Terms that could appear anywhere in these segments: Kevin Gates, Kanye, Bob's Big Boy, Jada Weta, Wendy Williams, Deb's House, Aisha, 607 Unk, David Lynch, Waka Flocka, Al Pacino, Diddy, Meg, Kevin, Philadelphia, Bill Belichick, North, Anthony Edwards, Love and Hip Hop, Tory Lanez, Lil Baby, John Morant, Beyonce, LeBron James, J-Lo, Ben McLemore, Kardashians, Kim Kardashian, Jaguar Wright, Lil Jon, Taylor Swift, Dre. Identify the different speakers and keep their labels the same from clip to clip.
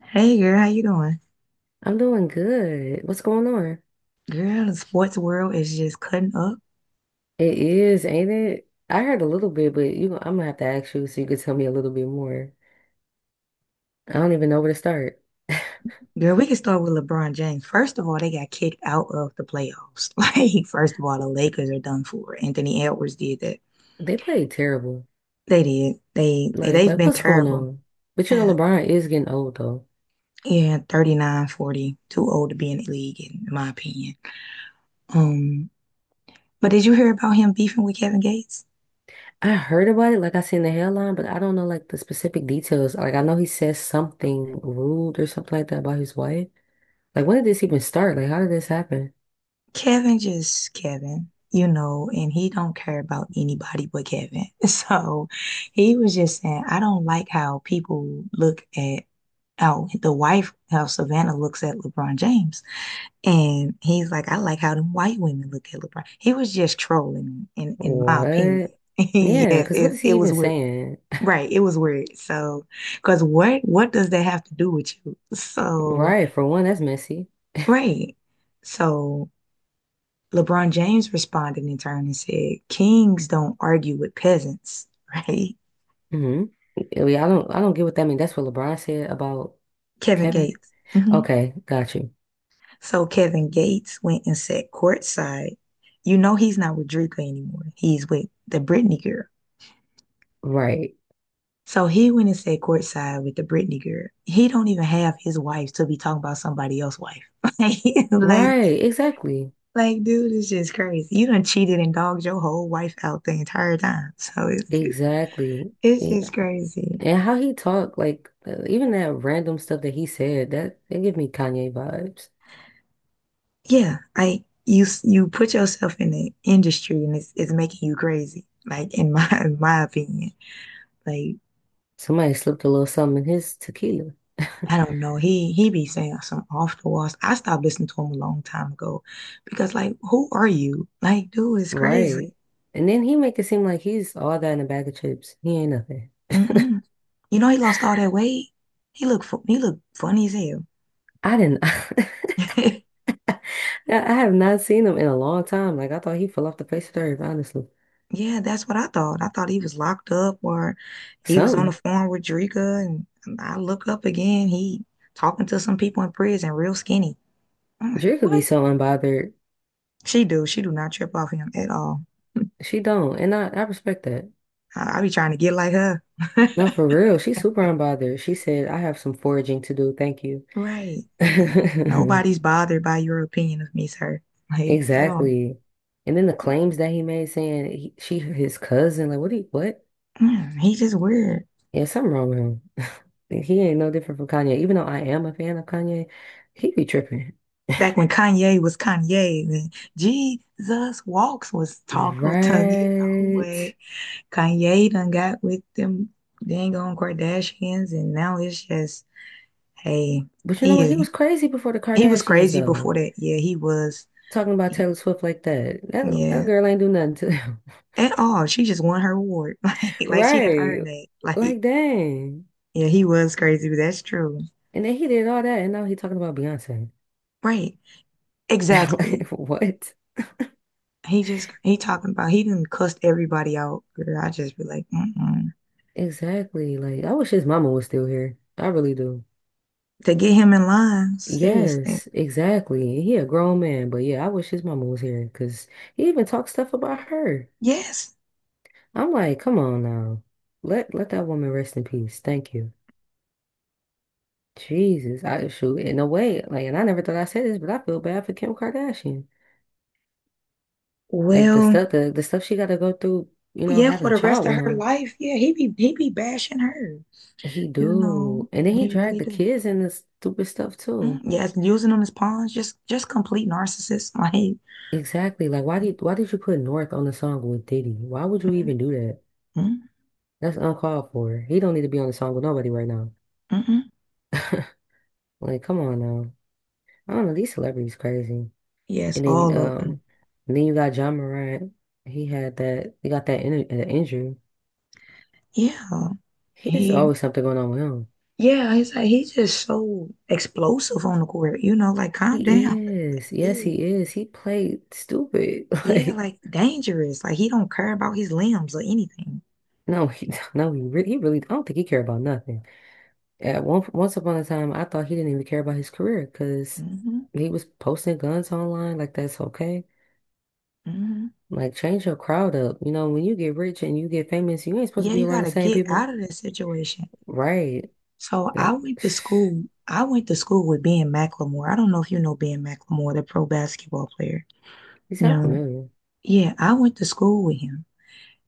Speaker 1: Hey girl, how you doing?
Speaker 2: I'm doing good. What's going on?
Speaker 1: Girl, the sports world is just cutting up.
Speaker 2: It is, ain't it? I heard a little bit, but I'm gonna have to ask you so you could tell me a little bit more. I don't even know where to start.
Speaker 1: Girl, we can start with LeBron James. First of all, they got kicked out of the playoffs. Like, first of all, the Lakers are done for. Anthony Edwards did that.
Speaker 2: They played terrible.
Speaker 1: They did. They, they
Speaker 2: Like,
Speaker 1: they've
Speaker 2: like
Speaker 1: been
Speaker 2: what's going
Speaker 1: terrible.
Speaker 2: on? But you know,
Speaker 1: Uh,
Speaker 2: LeBron is getting old though.
Speaker 1: yeah, 39, 40. Too old to be in the league, in my opinion. Um, but did you hear about him beefing with Kevin Gates?
Speaker 2: I heard about it, like I seen the headline, but I don't know like the specific details. Like I know he says something rude or something like that about his wife. Like when did this even start? Like how did this happen?
Speaker 1: Kevin just Kevin, you know, and he don't care about anybody but Kevin. So he was just saying, I don't like how people look at how the wife, how Savannah looks at LeBron James. And he's like, I like how them white women look at LeBron. He was just trolling, in my opinion.
Speaker 2: What? Yeah,
Speaker 1: Yes,
Speaker 2: because what
Speaker 1: it
Speaker 2: is
Speaker 1: it
Speaker 2: he even
Speaker 1: was weird.
Speaker 2: saying?
Speaker 1: Right, it was weird. So, because what does that have to do with you? So,
Speaker 2: Right, for one, that's messy.
Speaker 1: right. So LeBron James responded in turn and said, "Kings don't argue with peasants," right?
Speaker 2: Hmm. Yeah, I don't get what that means. That's what LeBron said about
Speaker 1: Kevin
Speaker 2: Kevin.
Speaker 1: Gates. Hmm.
Speaker 2: Okay, got you.
Speaker 1: So Kevin Gates went and sat courtside. You know he's not with Drika anymore. He's with the Britney girl.
Speaker 2: Right.
Speaker 1: So he went and sat courtside with the Britney girl. He don't even have his wife to be talking about somebody else's wife. Like, like,
Speaker 2: Right. Exactly.
Speaker 1: like, dude, it's just crazy. You done cheated and dogged your whole wife out the entire time. So it's
Speaker 2: Exactly.
Speaker 1: it's
Speaker 2: Yeah.
Speaker 1: just crazy.
Speaker 2: And how he talked, like even that random stuff that he said, that it give me Kanye vibes.
Speaker 1: Yeah, you put yourself in the industry and it's making you crazy. Like in my in my opinion, like
Speaker 2: Somebody slipped a little something in his tequila.
Speaker 1: I don't know. He be saying some off the walls. I stopped listening to him a long time ago because like who are you? Like dude is
Speaker 2: Right.
Speaker 1: crazy.
Speaker 2: And then he make it seem like he's all that in a bag of chips. He ain't nothing.
Speaker 1: Mm-mm. You know he lost all that weight. He looked he looked funny as hell.
Speaker 2: I didn't I I have not seen him in a long time. Like I thought he fell off the face of the earth, honestly.
Speaker 1: Yeah, that's what I thought. I thought he was locked up or he was on the
Speaker 2: Something.
Speaker 1: phone with Drika and I look up again. He talking to some people in prison, real skinny. I'm like,
Speaker 2: Dre could be
Speaker 1: what?
Speaker 2: so unbothered.
Speaker 1: She do. She do not trip off him at all.
Speaker 2: She don't, and I respect that.
Speaker 1: I be trying to get like her.
Speaker 2: No, for real, she's super unbothered. She said, I have some foraging to do, thank you.
Speaker 1: Right. Like, nobody's bothered by your opinion of me, sir. Like, at all.
Speaker 2: Exactly. And then the claims that he made saying she his cousin, like what do you, what?
Speaker 1: Mm, he just weird.
Speaker 2: Yeah, something wrong with him. He ain't no different from Kanye. Even though I am a fan of Kanye, he be tripping.
Speaker 1: Back when Kanye was Kanye, when Jesus Walks was Taco Tongue, you know
Speaker 2: Right.
Speaker 1: where Kanye done got with them dang on Kardashians, and now it's just, hey,
Speaker 2: But you know what? He
Speaker 1: he
Speaker 2: was crazy before the
Speaker 1: he was
Speaker 2: Kardashians
Speaker 1: crazy before
Speaker 2: though.
Speaker 1: that. Yeah, he was.
Speaker 2: Talking about
Speaker 1: He-
Speaker 2: Taylor Swift like that. That that
Speaker 1: Yeah,
Speaker 2: girl ain't do nothing to him.
Speaker 1: at all. She just won her award. Like she didn't
Speaker 2: Right.
Speaker 1: earn that. Like,
Speaker 2: Like dang.
Speaker 1: yeah, he was crazy, but that's true.
Speaker 2: And then he did all that, and now he's talking about Beyonce.
Speaker 1: Right. Exactly.
Speaker 2: Like, what?
Speaker 1: He talking about he didn't cuss everybody out. Girl, I just be like, mm
Speaker 2: Exactly. Like, I wish his mama was still here. I really do.
Speaker 1: to get him in line, seriously.
Speaker 2: Yes, exactly. He a grown man, but yeah, I wish his mama was here because he even talks stuff about her.
Speaker 1: Yes.
Speaker 2: I'm like, come on now. Let that woman rest in peace. Thank you. Jesus, I shoot in a way, like, and I never thought I said this, but I feel bad for Kim Kardashian. Like
Speaker 1: Well,
Speaker 2: the stuff she gotta go through, you know,
Speaker 1: yeah,
Speaker 2: having
Speaker 1: for
Speaker 2: a
Speaker 1: the rest
Speaker 2: child
Speaker 1: of
Speaker 2: with
Speaker 1: her
Speaker 2: him.
Speaker 1: life, yeah, he be bashing her.
Speaker 2: He
Speaker 1: You know,
Speaker 2: do. And then he
Speaker 1: he
Speaker 2: dragged
Speaker 1: really
Speaker 2: the
Speaker 1: do.
Speaker 2: kids in this stupid stuff
Speaker 1: Mm,
Speaker 2: too.
Speaker 1: yes, using them as pawns, just complete narcissists. Like,
Speaker 2: Exactly. Like
Speaker 1: mm,
Speaker 2: why did you put North on the song with Diddy? Why would you even do that?
Speaker 1: mm, mm,
Speaker 2: That's uncalled for. He don't need to be on the song with nobody right now.
Speaker 1: mm.
Speaker 2: Like, come on now. I don't know, these celebrities crazy.
Speaker 1: Yes,
Speaker 2: And then
Speaker 1: all of them.
Speaker 2: um and then you got John Morant. He had that he got that injury.
Speaker 1: Yeah.
Speaker 2: He is
Speaker 1: He,
Speaker 2: always something going on with him.
Speaker 1: yeah, he's just so explosive on the court. You know, like calm
Speaker 2: He
Speaker 1: down,
Speaker 2: is. Yes,
Speaker 1: dude.
Speaker 2: he is. He played stupid.
Speaker 1: Yeah,
Speaker 2: Like,
Speaker 1: like dangerous. Like he don't care about his limbs or anything.
Speaker 2: no, he no, he really I don't think he care about nothing. Once upon a time, I thought he didn't even care about his career because
Speaker 1: Hmm.
Speaker 2: he was posting guns online. Like, that's okay.
Speaker 1: Hmm.
Speaker 2: Like, change your crowd up. You know, when you get rich and you get famous, you ain't supposed to
Speaker 1: Yeah,
Speaker 2: be
Speaker 1: you
Speaker 2: around the
Speaker 1: gotta
Speaker 2: same
Speaker 1: get
Speaker 2: people.
Speaker 1: out of that situation.
Speaker 2: Right.
Speaker 1: So I
Speaker 2: Like,
Speaker 1: went to school. I went to school with Ben McLemore. I don't know if you know Ben McLemore, the pro basketball player.
Speaker 2: you sound
Speaker 1: No.
Speaker 2: familiar.
Speaker 1: Yeah, I went to school with him,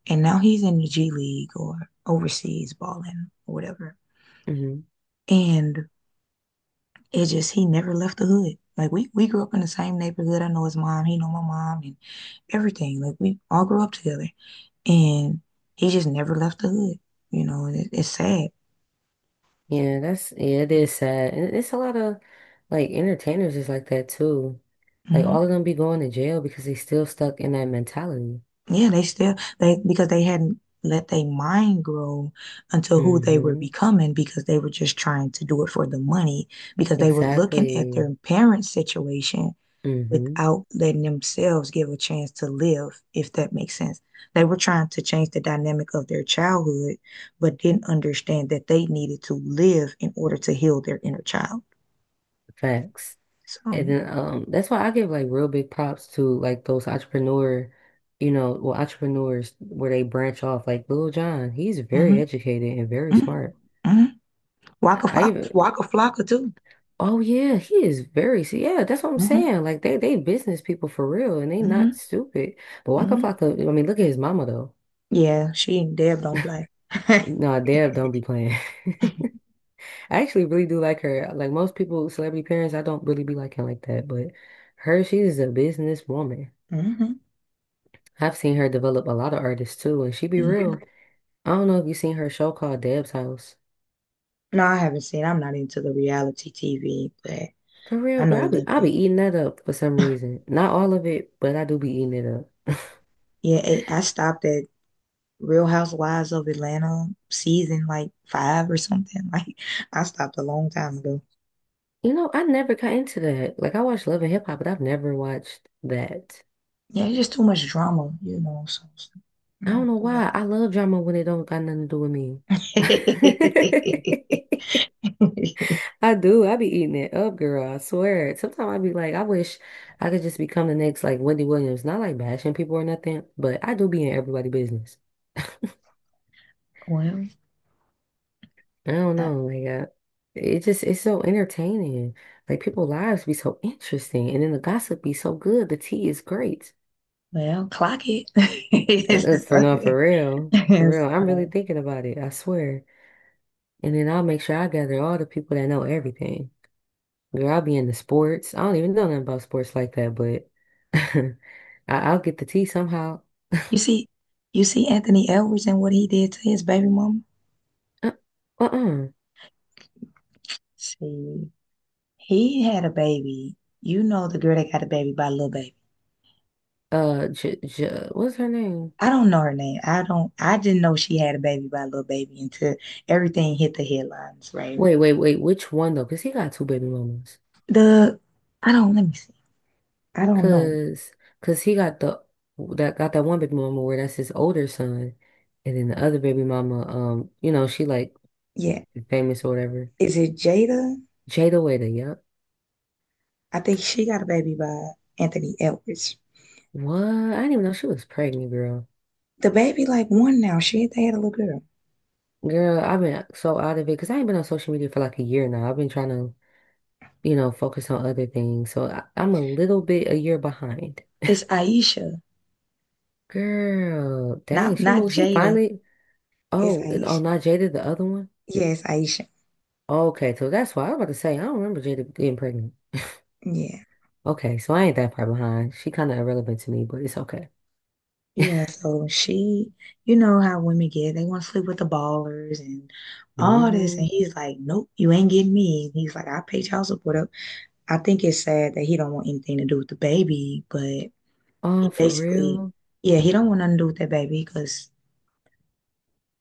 Speaker 1: and now he's in the G League or overseas balling or whatever.
Speaker 2: Hmm.
Speaker 1: And it just he never left the hood. Like we grew up in the same neighborhood. I know his mom, he know my mom and everything. Like we all grew up together. And he just never left the hood. You know, and it's sad.
Speaker 2: Yeah, yeah, it is sad. And it's a lot of, like, entertainers is like that too. Like, all
Speaker 1: Hmm.
Speaker 2: of them be going to jail because they still stuck in that mentality.
Speaker 1: Yeah, they because they hadn't let their mind grow until who they were
Speaker 2: Hmm.
Speaker 1: becoming because they were just trying to do it for the money because they were looking at
Speaker 2: Exactly.
Speaker 1: their parents' situation
Speaker 2: Hmm.
Speaker 1: without letting themselves give a chance to live, if that makes sense. They were trying to change the dynamic of their childhood, but didn't understand that they needed to live in order to heal their inner child.
Speaker 2: Facts.
Speaker 1: So,
Speaker 2: And then that's why I give like real big props to like those entrepreneurs where they branch off like Lil Jon, he's very
Speaker 1: mm-hmm,
Speaker 2: educated and very
Speaker 1: mm-hmm,
Speaker 2: smart.
Speaker 1: mm-hmm. Waka,
Speaker 2: I
Speaker 1: Flocka,
Speaker 2: even
Speaker 1: Waka Flocka too.
Speaker 2: oh yeah, he is very see, yeah, that's what I'm
Speaker 1: Hmm.
Speaker 2: saying. Like they business people for real and they not
Speaker 1: Hmm.
Speaker 2: stupid. But Waka
Speaker 1: Hmm.
Speaker 2: Flocka, I mean, look at his mama though.
Speaker 1: Yeah, she and Deb don't play.
Speaker 2: No, Deb don't be playing. I actually really do like her. Like most people, celebrity parents, I don't really be liking like that, but her, she is a businesswoman.
Speaker 1: Hmm.
Speaker 2: I've seen her develop a lot of artists too, and she be real.
Speaker 1: Hmm.
Speaker 2: I don't know if you seen her show called Deb's House.
Speaker 1: No, I haven't seen. I'm not into the reality TV, but
Speaker 2: For
Speaker 1: I
Speaker 2: real,
Speaker 1: know
Speaker 2: girl,
Speaker 1: a
Speaker 2: I be
Speaker 1: little
Speaker 2: I
Speaker 1: bit.
Speaker 2: be eating that up for some reason. Not all of it, but I do be eating it up.
Speaker 1: Yeah, I stopped at Real Housewives of Atlanta season like five or something. Like I stopped a long time ago.
Speaker 2: You know, I never got into that. Like I watched Love and Hip Hop, but I've never watched that.
Speaker 1: Yeah, it's just too much drama, you know. So, so
Speaker 2: I don't
Speaker 1: I
Speaker 2: know
Speaker 1: don't got
Speaker 2: why.
Speaker 1: time.
Speaker 2: I love drama when it don't got nothing to do with me. I do. I be eating it up, girl. I swear. Sometimes I be like, I wish I could just become the next like Wendy Williams. Not like bashing people or nothing, but I do be in everybody business.
Speaker 1: Well,
Speaker 2: I don't
Speaker 1: uh,
Speaker 2: know, like it just it's so entertaining. Like people's lives be so interesting, and then the gossip be so good. The tea is great.
Speaker 1: well, clock it.
Speaker 2: For no, for real, for real. I'm really
Speaker 1: So,
Speaker 2: thinking about it. I swear. And then I'll make sure I gather all the people that know everything. Girl, I'll be into sports. I don't even know nothing about sports like that, but I, I'll get the tea somehow.
Speaker 1: you see, you see Anthony Edwards and what he did to his baby mama.
Speaker 2: Uh, uh-uh.
Speaker 1: See, he had a baby. You know the girl that got a baby by Lil Baby.
Speaker 2: J what's her name?
Speaker 1: I don't know her name. I don't. I didn't know she had a baby by Little Baby until everything hit the headlines. Right.
Speaker 2: Wait. Which one though? Because he got two baby mamas.
Speaker 1: The I don't. Let me see. I don't know.
Speaker 2: Cause, cause he got the that got that one baby mama where that's his older son, and then the other baby mama, you know, she like
Speaker 1: Yeah.
Speaker 2: famous or whatever.
Speaker 1: Is it Jada?
Speaker 2: Jada Weta, yep.
Speaker 1: I think she got a baby by Anthony Edwards.
Speaker 2: What? I didn't even know she was pregnant, girl.
Speaker 1: The baby like one now. She they had a little girl.
Speaker 2: Girl, I've been so out of it because I ain't been on social media for like a year now. I've been trying to, you know, focus on other things. So I'm a little bit a year behind.
Speaker 1: It's Aisha.
Speaker 2: Girl, dang,
Speaker 1: Not
Speaker 2: she
Speaker 1: not
Speaker 2: moved. She
Speaker 1: Jada.
Speaker 2: finally.
Speaker 1: It's
Speaker 2: Oh,
Speaker 1: Aisha.
Speaker 2: not Jada, the other one.
Speaker 1: Yeah, it's Aisha.
Speaker 2: Okay, so that's why I was about to say I don't remember Jada getting pregnant.
Speaker 1: Yeah.
Speaker 2: Okay, so I ain't that far behind. She kind of irrelevant to me, but it's okay.
Speaker 1: Yeah, so she, you know how women get, they want to sleep with the ballers and all this. And
Speaker 2: Hmm.
Speaker 1: he's like, nope, you ain't getting me. And he's like, I pay child support up. I think it's sad that he don't want anything to do with the baby, but he
Speaker 2: Oh, for
Speaker 1: basically,
Speaker 2: real?
Speaker 1: yeah, he don't want nothing to do with that baby because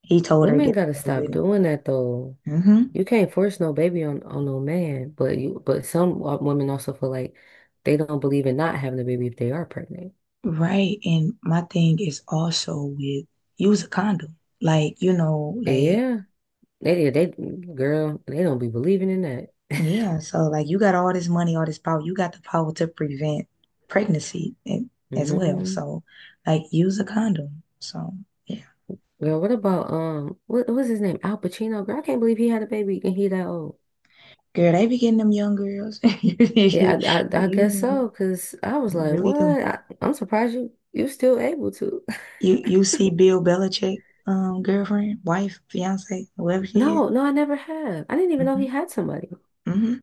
Speaker 1: he told her to
Speaker 2: Women
Speaker 1: get
Speaker 2: gotta
Speaker 1: rid of it.
Speaker 2: stop
Speaker 1: And,
Speaker 2: doing that though.
Speaker 1: hmm
Speaker 2: You can't force no baby on no man, but you but some wo- women also feel like they don't believe in not having a baby if they are pregnant.
Speaker 1: right. And my thing is also with use a condom. Like, you know, like
Speaker 2: Yeah, they girl, they don't be believing in that.
Speaker 1: yeah, so like you got all this money, all this power, you got the power to prevent pregnancy and, as well.
Speaker 2: Hmm.
Speaker 1: So like use a condom. So yeah.
Speaker 2: Girl, what about what what's his name? Al Pacino? Girl, I can't believe he had a baby and he that old.
Speaker 1: Girl, they be getting them young girls. You
Speaker 2: Yeah, I guess
Speaker 1: know,
Speaker 2: so, because I was
Speaker 1: they
Speaker 2: like,
Speaker 1: really
Speaker 2: what?
Speaker 1: do.
Speaker 2: I'm surprised you still able to.
Speaker 1: You see Bill Belichick girlfriend, wife, fiance, whoever she is.
Speaker 2: No, no, I never have. I didn't even know
Speaker 1: Hmm.
Speaker 2: he had somebody.
Speaker 1: Hmm.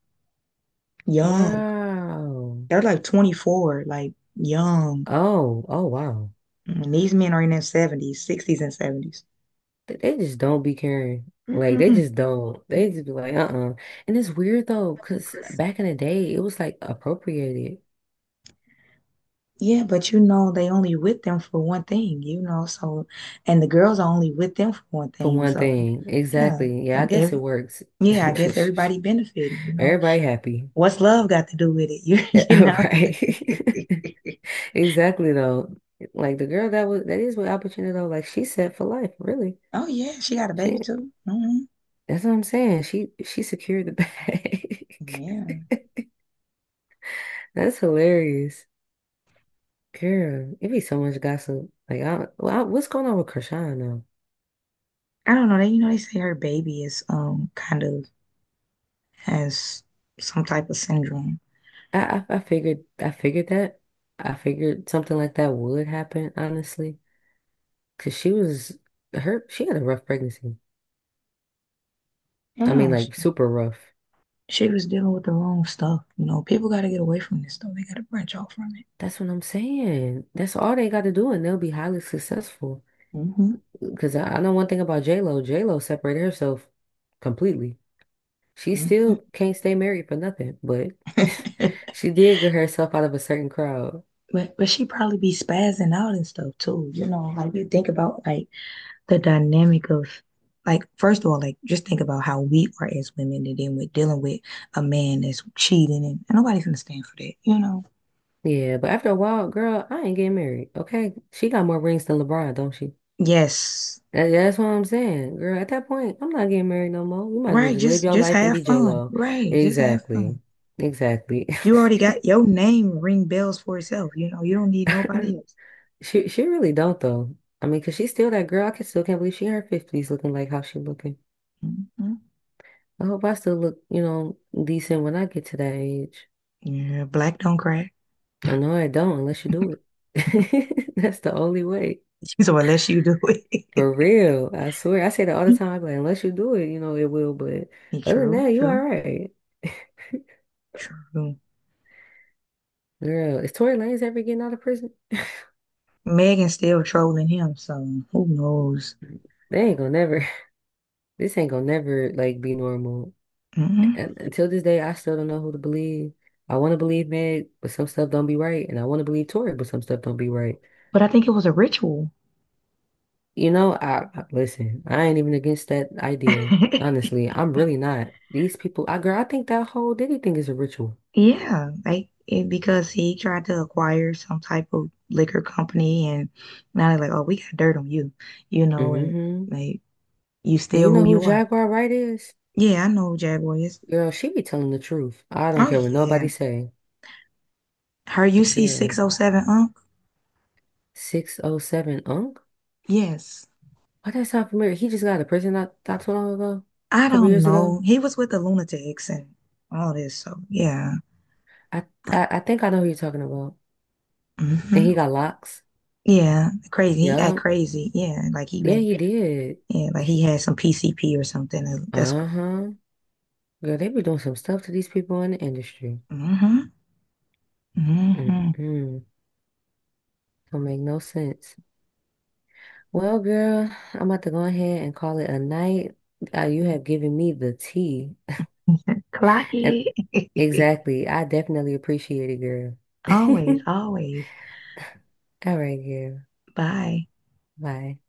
Speaker 1: Young.
Speaker 2: Wow.
Speaker 1: They're like 24, like young.
Speaker 2: Oh, oh, wow.
Speaker 1: And these men are in their 70s, 60s and 70s.
Speaker 2: They just don't be caring. Like, they
Speaker 1: Mm-mm.
Speaker 2: just don't. They just be like, uh-uh. And it's weird, though, because back in the day, it was like appropriated
Speaker 1: Yeah, but you know, they only with them for one thing, you know. So, and the girls are only with them for one
Speaker 2: for
Speaker 1: thing.
Speaker 2: one
Speaker 1: So,
Speaker 2: thing.
Speaker 1: yeah,
Speaker 2: Exactly. Yeah, I
Speaker 1: and
Speaker 2: guess it
Speaker 1: every
Speaker 2: works.
Speaker 1: yeah, I guess everybody benefiting, you know.
Speaker 2: Everybody happy.
Speaker 1: What's love got to do with it? You know.
Speaker 2: Right. Exactly though. Like the girl that is with opportunity though, like she's set for life, really.
Speaker 1: Oh yeah, she got a baby
Speaker 2: She
Speaker 1: too. Hmm.
Speaker 2: That's what I'm saying. She secured the
Speaker 1: Yeah,
Speaker 2: bag. That's hilarious. Girl, it be so much gossip. What's going on with Krishan now?
Speaker 1: I don't know. They you know they say her baby is kind of has some type of syndrome.
Speaker 2: I figured that. I figured something like that would happen, honestly. Cause she was her she had a rough pregnancy. I mean
Speaker 1: Yeah, she,
Speaker 2: like super rough.
Speaker 1: she was dealing with the wrong stuff. You know, people got to get away from this stuff. They got to branch off from
Speaker 2: That's what I'm saying. That's all they gotta do and they'll be highly successful.
Speaker 1: it.
Speaker 2: Because I know one thing about J-Lo. J-Lo separated herself completely. She
Speaker 1: Hmm.
Speaker 2: still can't stay married for nothing, but
Speaker 1: Hmm.
Speaker 2: she did get herself out of a certain crowd.
Speaker 1: But she probably be spazzing out and stuff too. You know, like you think about like the dynamic of like first of all, like just think about how we are as women and then we're dealing with a man that's cheating and nobody's gonna stand for that, you know.
Speaker 2: Yeah, but after a while, girl, I ain't getting married. Okay. She got more rings than LeBron, don't she?
Speaker 1: Yes.
Speaker 2: That's what I'm saying, girl. At that point, I'm not getting married no more. You might as well
Speaker 1: Right,
Speaker 2: just live
Speaker 1: just
Speaker 2: your
Speaker 1: just
Speaker 2: life and
Speaker 1: have
Speaker 2: be
Speaker 1: fun.
Speaker 2: J-Lo.
Speaker 1: Right, just have
Speaker 2: Exactly.
Speaker 1: fun.
Speaker 2: Exactly.
Speaker 1: You already got your name ring bells for itself, you know, you don't need nobody else.
Speaker 2: She really don't though. I mean, cause she's still that girl. I can still can't believe she in her fifties looking like how she looking.
Speaker 1: Mhm.
Speaker 2: I hope I still look, you know, decent when I get to that age.
Speaker 1: Yeah, black don't crack.
Speaker 2: I know I don't unless you do it. That's the only way.
Speaker 1: So unless you do
Speaker 2: For
Speaker 1: it.
Speaker 2: real. I swear. I say that all the time. I be like, unless you do it, you know, it will. But other than
Speaker 1: True,
Speaker 2: that, you all
Speaker 1: true,
Speaker 2: right.
Speaker 1: true.
Speaker 2: Girl, is Tory Lanez ever getting out of prison?
Speaker 1: Megan's still trolling him, so who knows?
Speaker 2: They ain't gonna never. This ain't gonna never like be normal.
Speaker 1: Mhm.
Speaker 2: And until this day, I still don't know who to believe. I want to believe Meg, but some stuff don't be right, and I want to believe Tory, but some stuff don't be right.
Speaker 1: But I think it was a ritual.
Speaker 2: You know, listen, I ain't even against that idea. Honestly, I'm really not. These people, I girl, I think that whole Diddy thing is a ritual.
Speaker 1: Yeah, like it, because he tried to acquire some type of liquor company, and now they're like, "Oh, we got dirt on you," you know, and
Speaker 2: Hmm.
Speaker 1: like you
Speaker 2: Do you
Speaker 1: still
Speaker 2: know
Speaker 1: who
Speaker 2: who
Speaker 1: you are.
Speaker 2: Jaguar Wright is?
Speaker 1: Yeah, I know who Jaguar is.
Speaker 2: Girl, she be telling the truth. I don't
Speaker 1: Oh
Speaker 2: care what nobody
Speaker 1: yeah,
Speaker 2: say.
Speaker 1: her UC six
Speaker 2: Girl,
Speaker 1: oh seven Unc.
Speaker 2: 607 Unk?
Speaker 1: Yes,
Speaker 2: Why that sound familiar? He just got out of prison not too long ago, a
Speaker 1: I
Speaker 2: couple
Speaker 1: don't
Speaker 2: years ago.
Speaker 1: know. He was with the Lunatics and all this, so yeah.
Speaker 2: I,
Speaker 1: Uh,
Speaker 2: I think I know who you're talking about. And
Speaker 1: mhm.
Speaker 2: he got locks.
Speaker 1: Yeah, crazy. He act
Speaker 2: Yup.
Speaker 1: crazy. Yeah, like he
Speaker 2: Yeah,
Speaker 1: been,
Speaker 2: he did.
Speaker 1: yeah, like he
Speaker 2: He,
Speaker 1: had some PCP or something. And that's what.
Speaker 2: uh-huh. Girl, they be doing some stuff to these people in the industry.
Speaker 1: Mm-hmm. Mm-hmm.
Speaker 2: Mm-mm. Don't make no sense. Well, girl, I'm about to go ahead and call it a night. You have given me the tea.
Speaker 1: Clock
Speaker 2: And
Speaker 1: it.
Speaker 2: exactly. I definitely appreciate it,
Speaker 1: Always,
Speaker 2: girl.
Speaker 1: always.
Speaker 2: All right, girl.
Speaker 1: Bye.
Speaker 2: Bye.